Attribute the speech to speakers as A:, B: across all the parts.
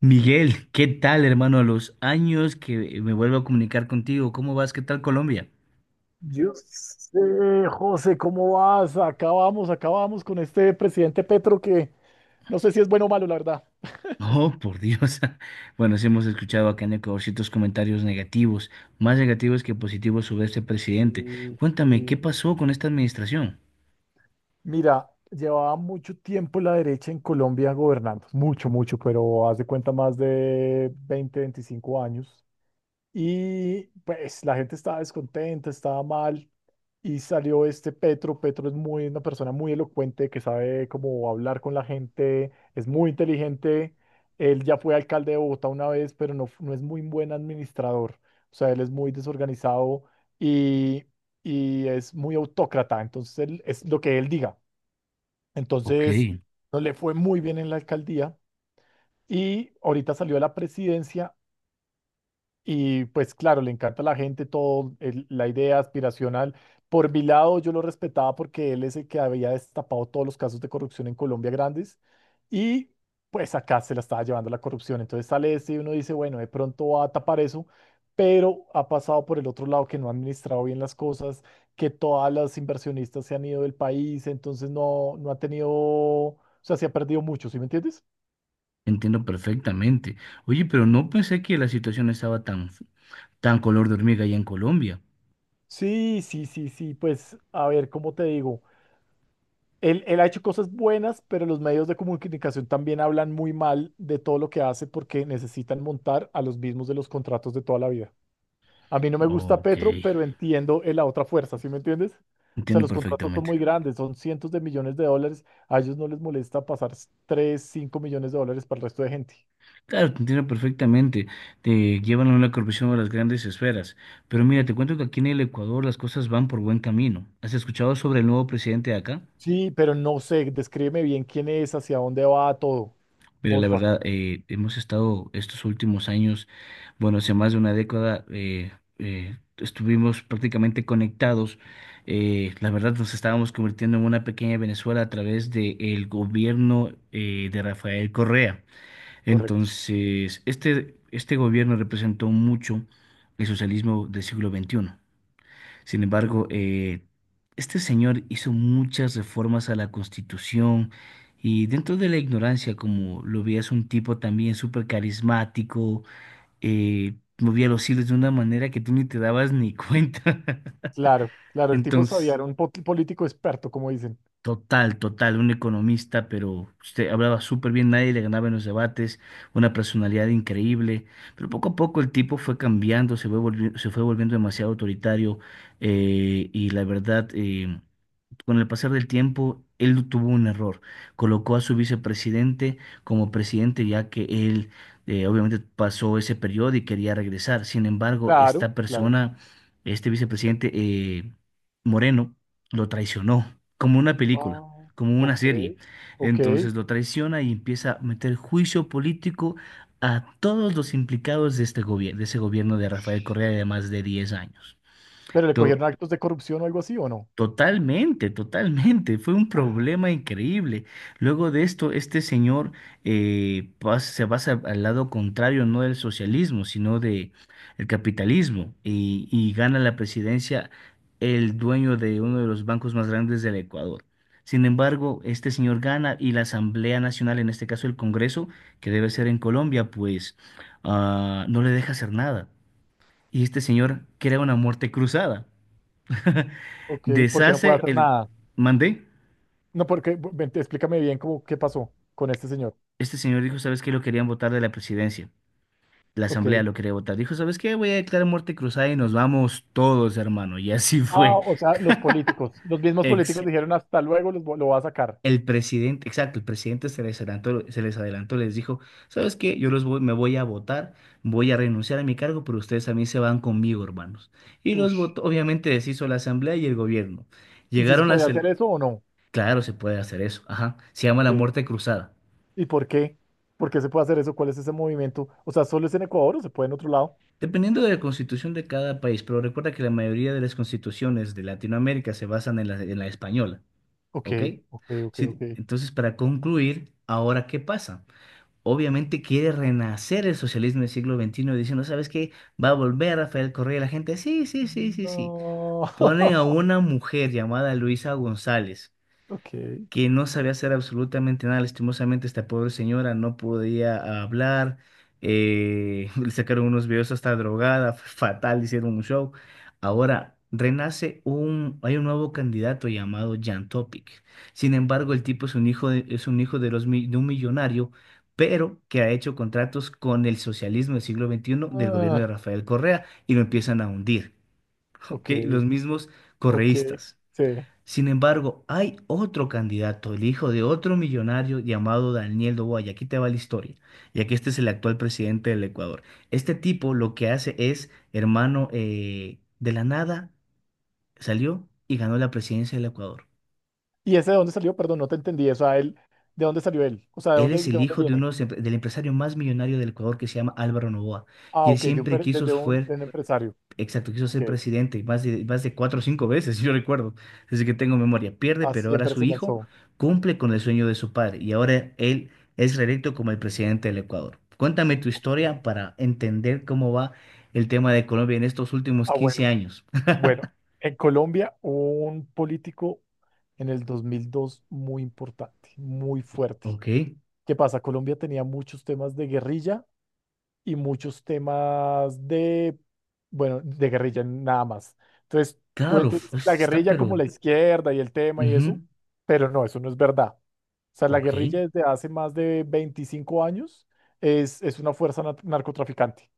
A: Miguel, ¿qué tal, hermano? A los años que me vuelvo a comunicar contigo, ¿cómo vas? ¿Qué tal Colombia?
B: Yo sé, José, ¿cómo vas? Acabamos con este presidente Petro que no sé si es bueno o malo, la verdad.
A: Oh, por Dios. Bueno, sí hemos escuchado acá en Ecuador ciertos comentarios negativos, más negativos que positivos sobre este presidente.
B: Sí,
A: Cuéntame, ¿qué
B: sí.
A: pasó con esta administración?
B: Mira, llevaba mucho tiempo la derecha en Colombia gobernando, mucho, mucho, pero haz de cuenta más de 20, 25 años. Y pues la gente estaba descontenta, estaba mal. Y salió este Petro. Petro es muy, una persona muy elocuente que sabe cómo hablar con la gente, es muy inteligente. Él ya fue alcalde de Bogotá una vez, pero no es muy buen administrador. O sea, él es muy desorganizado y, y es muy autócrata. Entonces, es lo que él diga.
A: Ok,
B: Entonces, no le fue muy bien en la alcaldía. Y ahorita salió a la presidencia y pues claro, le encanta a la gente todo, la idea aspiracional. Por mi lado, yo lo respetaba porque él es el que había destapado todos los casos de corrupción en Colombia grandes y pues acá se la estaba llevando la corrupción. Entonces sale este y uno dice, bueno, de pronto va a tapar eso, pero ha pasado por el otro lado que no ha administrado bien las cosas, que todas las inversionistas se han ido del país, entonces no ha tenido, o sea, se ha perdido mucho, ¿sí me entiendes?
A: entiendo perfectamente. Oye, pero no pensé que la situación estaba tan, tan color de hormiga allá en Colombia.
B: Sí, sí, sí, sí, pues a ver, ¿cómo te digo? Él ha hecho cosas buenas, pero los medios de comunicación también hablan muy mal de todo lo que hace porque necesitan montar a los mismos de los contratos de toda la vida. A mí no me gusta
A: Ok,
B: Petro, pero entiendo la otra fuerza, ¿sí me entiendes? O sea,
A: entiendo
B: los contratos son
A: perfectamente.
B: muy grandes, son cientos de millones de dólares. A ellos no les molesta pasar 3, 5 millones de dólares para el resto de gente.
A: Claro, te entiendo perfectamente. Te llevan a una corrupción a las grandes esferas. Pero mira, te cuento que aquí en el Ecuador las cosas van por buen camino. ¿Has escuchado sobre el nuevo presidente de acá?
B: Sí, pero no sé, descríbeme bien quién es, hacia dónde va todo.
A: Mira, la
B: Porfa.
A: verdad, hemos estado estos últimos años, bueno, hace más de una década, estuvimos prácticamente conectados. La verdad, nos estábamos convirtiendo en una pequeña Venezuela a través del gobierno de Rafael Correa.
B: Correcto.
A: Entonces, este gobierno representó mucho el socialismo del siglo XXI. Sin
B: Ok.
A: embargo, este señor hizo muchas reformas a la Constitución y dentro de la ignorancia, como lo veías, un tipo también súper carismático, movía los hilos de una manera que tú ni te dabas ni cuenta.
B: Claro, claro, el tipo sabía,
A: Entonces...
B: era un político experto, como dicen.
A: Total, total, un economista, pero usted hablaba súper bien, nadie le ganaba en los debates, una personalidad increíble, pero poco a poco el tipo fue cambiando, se fue volviendo demasiado autoritario, y la verdad... con el pasar del tiempo, él no tuvo un error. Colocó a su vicepresidente como presidente, ya que él obviamente pasó ese periodo y quería regresar. Sin embargo,
B: Claro,
A: esta
B: claro.
A: persona, este vicepresidente Moreno, lo traicionó, como una película,
B: Ah,
A: como una
B: ok,
A: serie.
B: ok.
A: Entonces lo traiciona y empieza a meter juicio político a todos los implicados de este gobierno, de ese gobierno de Rafael Correa de más de 10 años.
B: ¿Pero le
A: To-
B: cogieron actos de corrupción o algo así o no?
A: Totalmente, totalmente. Fue un
B: Ah,
A: problema increíble. Luego de esto, este señor se pasa al lado contrario, no del socialismo, sino de el capitalismo, y, gana la presidencia el dueño de uno de los bancos más grandes del Ecuador. Sin embargo, este señor gana y la Asamblea Nacional, en este caso el Congreso, que debe ser en Colombia, pues no le deja hacer nada. Y este señor crea una muerte cruzada.
B: ok, porque no puede
A: Deshace
B: hacer
A: el.
B: nada.
A: ¿Mandé?
B: No, porque, ven, explícame bien cómo, qué pasó con este señor.
A: Este señor dijo, ¿sabes qué? Lo querían votar de la presidencia. La asamblea
B: Ok.
A: lo quería votar. Dijo, ¿sabes qué? Voy a declarar muerte cruzada y nos vamos todos, hermano. Y así
B: Ah,
A: fue.
B: o sea, los políticos, los mismos políticos
A: Ex.
B: dijeron hasta luego, los lo va a sacar.
A: Exacto, el presidente se les adelantó, les dijo, ¿sabes qué? Me voy a votar, voy a renunciar a mi cargo, pero ustedes a mí se van conmigo, hermanos. Y los
B: Ush.
A: votó, obviamente deshizo la asamblea y el gobierno.
B: ¿Y si se
A: Llegaron
B: podía
A: las...
B: hacer
A: el-
B: eso o no?
A: Claro, se puede hacer eso, ajá. Se llama la
B: ¿Qué?
A: muerte cruzada.
B: ¿Y por qué? ¿Por qué se puede hacer eso? ¿Cuál es ese movimiento? O sea, ¿solo es en Ecuador o se puede en otro lado?
A: Dependiendo de la constitución de cada país, pero recuerda que la mayoría de las constituciones de Latinoamérica se basan en la española,
B: Ok,
A: ¿ok?
B: ok, ok,
A: Sí,
B: ok.
A: entonces, para concluir, ¿ahora qué pasa? Obviamente quiere renacer el socialismo del siglo XXI diciendo, ¿sabes qué? Va a volver Rafael Correa. La gente, sí, sí, sí, sí, sí.
B: No.
A: Ponen a una mujer llamada Luisa González
B: Ok.
A: que no sabía hacer absolutamente nada. Lastimosamente, esta pobre señora no podía hablar. Le sacaron unos videos hasta drogada, fatal, hicieron un show. Ahora renace hay un nuevo candidato llamado Jan Topic. Sin embargo, el tipo es un hijo de un millonario, pero que ha hecho contratos con el socialismo del siglo XXI del gobierno
B: Ah,
A: de Rafael Correa y lo
B: ok,
A: empiezan a hundir. ¿Ok?
B: ok,
A: Los mismos
B: ok.
A: correístas.
B: Sí.
A: Sin embargo, hay otro candidato, el hijo de otro millonario llamado Daniel Noboa, y aquí te va la historia, ya que este es el actual presidente del Ecuador. Este tipo lo que hace es, hermano, de la nada salió y ganó la presidencia del Ecuador.
B: ¿Y ese de dónde salió? Perdón, no te entendí. O sea, él, ¿de dónde salió él? O sea, ¿de
A: Él
B: dónde,
A: es
B: de
A: el
B: dónde
A: hijo de uno
B: viene?
A: del empresario más millonario del Ecuador que se llama Álvaro Noboa, y
B: Ah,
A: él
B: ok, de un,
A: siempre
B: per-
A: quiso fue
B: de un empresario.
A: Exacto, quiso
B: Ok.
A: ser presidente y más de cuatro o cinco veces, yo recuerdo, desde que tengo memoria. Pierde,
B: Ah,
A: pero ahora
B: siempre
A: su
B: se
A: hijo
B: lanzó.
A: cumple con el sueño de su padre y ahora él es reelecto como el presidente del Ecuador. Cuéntame tu
B: Ok.
A: historia para entender cómo va el tema de Colombia en estos últimos
B: Ah, bueno.
A: 15 años.
B: Bueno, en Colombia hubo un político en el 2002 muy importante, muy fuerte.
A: Ok,
B: ¿Qué pasa? Colombia tenía muchos temas de guerrilla y muchos temas de, bueno, de guerrilla nada más. Entonces, tú
A: claro,
B: entiendes la
A: está
B: guerrilla como la
A: pero.
B: izquierda y el tema y eso,
A: Ujú,
B: pero no, eso no es verdad. O sea, la
A: ok,
B: guerrilla desde hace más de 25 años es una fuerza narcotraficante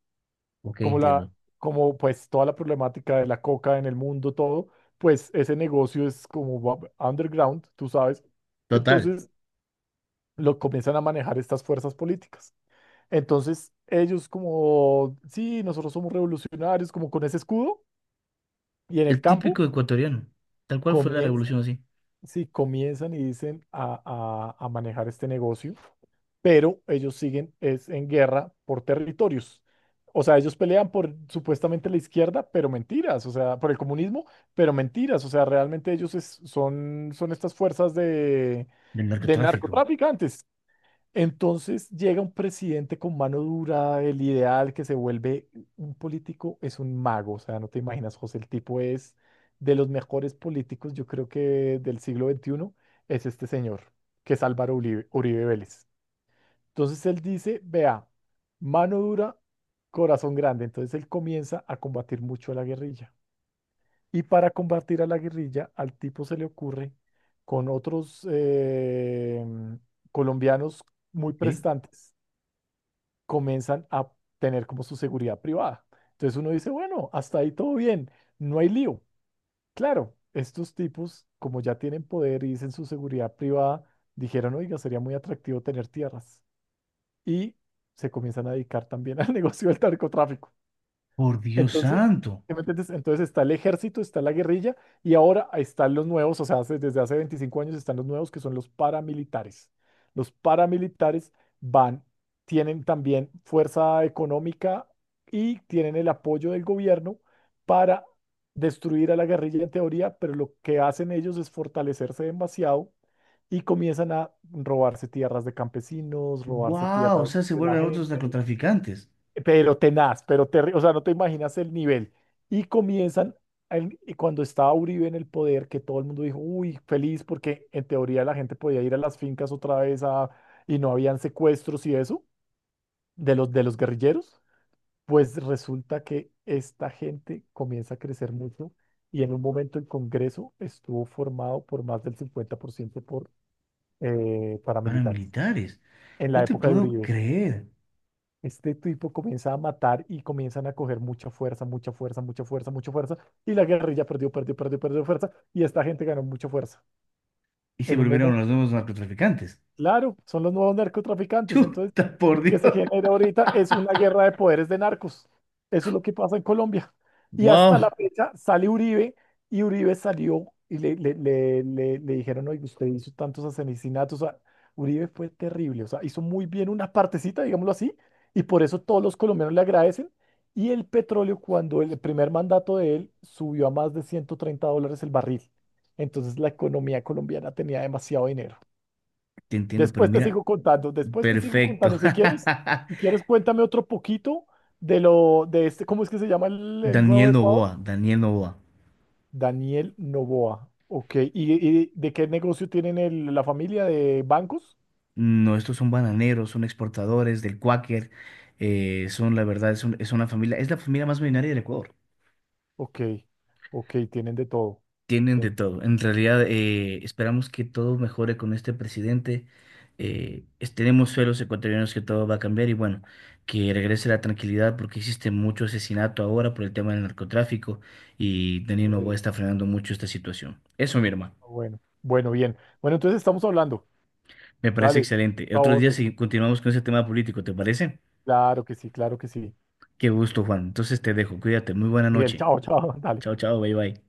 A: ok,
B: como la,
A: entiendo.
B: como pues toda la problemática de la coca en el mundo, todo, pues ese negocio es como underground, tú sabes.
A: Total,
B: Entonces lo comienzan a manejar estas fuerzas políticas. Entonces ellos como, sí, nosotros somos revolucionarios, como con ese escudo, y en el
A: el
B: campo
A: típico ecuatoriano, tal cual fue la
B: comienzan
A: revolución así,
B: si comienzan y dicen a manejar este negocio, pero ellos siguen es en guerra por territorios. O sea, ellos pelean por supuestamente la izquierda, pero mentiras, o sea, por el comunismo, pero mentiras, o sea, realmente ellos son estas fuerzas
A: del
B: de
A: narcotráfico.
B: narcotraficantes. Entonces llega un presidente con mano dura, el ideal que se vuelve un político es un mago, o sea, no te imaginas, José, el tipo es de los mejores políticos, yo creo que del siglo XXI, es este señor, que es Álvaro Uribe, Uribe Vélez. Entonces él dice, vea, mano dura, corazón grande, entonces él comienza a combatir mucho a la guerrilla. Y para combatir a la guerrilla, al tipo se le ocurre con otros colombianos muy
A: Ok.
B: prestantes comienzan a tener como su seguridad privada. Entonces uno dice, bueno, hasta ahí todo bien, no hay lío. Claro, estos tipos, como ya tienen poder y dicen su seguridad privada, dijeron, oiga, sería muy atractivo tener tierras. Y se comienzan a dedicar también al negocio del narcotráfico.
A: Por Dios
B: Entonces,
A: santo.
B: ¿sí me entiendes? Entonces está el ejército, está la guerrilla y ahora están los nuevos, o sea, desde hace 25 años están los nuevos que son los paramilitares. Los paramilitares van, tienen también fuerza económica y tienen el apoyo del gobierno para destruir a la guerrilla en teoría, pero lo que hacen ellos es fortalecerse demasiado y comienzan a robarse tierras de campesinos, robarse
A: Wow, o
B: tierras
A: sea, se
B: de la
A: vuelven otros
B: gente
A: narcotraficantes,
B: pero tenaz, pero o sea, no te imaginas el nivel. Y comienzan, y cuando estaba Uribe en el poder, que todo el mundo dijo, uy, feliz, porque en teoría la gente podía ir a las fincas otra vez a, y no habían secuestros y eso, de los guerrilleros, pues resulta que esta gente comienza a crecer mucho y en un momento el Congreso estuvo formado por más del 50% por ciento por paramilitares
A: paramilitares.
B: en la
A: No te
B: época de
A: puedo
B: Uribe.
A: creer.
B: Este tipo comienza a matar y comienzan a coger mucha fuerza, mucha fuerza, mucha fuerza, mucha fuerza. Y la guerrilla perdió, perdió, perdió, perdió fuerza. Y esta gente ganó mucha fuerza.
A: Y se
B: En un
A: volvieron
B: momento
A: los nuevos narcotraficantes.
B: claro, son los nuevos narcotraficantes. Entonces,
A: Chuta,
B: lo
A: por
B: que se
A: Dios.
B: genera ahorita es una guerra de poderes de narcos. Eso es lo que pasa en Colombia. Y hasta
A: Wow,
B: la fecha sale Uribe y Uribe salió y le dijeron, oye, usted hizo tantos asesinatos. O sea, Uribe fue terrible. O sea, hizo muy bien una partecita, digámoslo así, y por eso todos los colombianos le agradecen. Y el petróleo, cuando el primer mandato de él subió a más de $130 el barril. Entonces la economía colombiana tenía demasiado dinero.
A: te entiendo, pero
B: Después te
A: mira,
B: sigo contando, después te sigo
A: perfecto.
B: contando. Si quieres, si quieres, cuéntame otro poquito de lo, de este, ¿cómo es que se llama el nuevo
A: Daniel
B: de Ecuador?
A: Novoa, Daniel Novoa.
B: Daniel Novoa. Ok. Y de qué negocio tienen la familia de bancos?
A: No, estos son bananeros, son exportadores del Quaker, son la verdad, es una familia, es la familia más millonaria del Ecuador.
B: Ok, ok, tienen de todo.
A: Tienen de
B: Ten-
A: todo. En realidad, esperamos que todo mejore con este presidente. Tenemos fe los ecuatorianos que todo va a cambiar y bueno, que regrese la tranquilidad porque existe mucho asesinato ahora por el tema del narcotráfico y
B: ok,
A: Daniel Noboa está frenando mucho esta situación. Eso, mi hermano,
B: bueno, bueno, bien. Bueno, entonces estamos hablando.
A: me parece
B: Dale,
A: excelente.
B: chao,
A: Otros días
B: José.
A: si continuamos con ese tema político, ¿te parece?
B: Claro que sí, claro que sí.
A: Qué gusto, Juan. Entonces te dejo. Cuídate. Muy buena
B: Miguel,
A: noche.
B: chao, chao, dale.
A: Chao, chao. Bye, bye.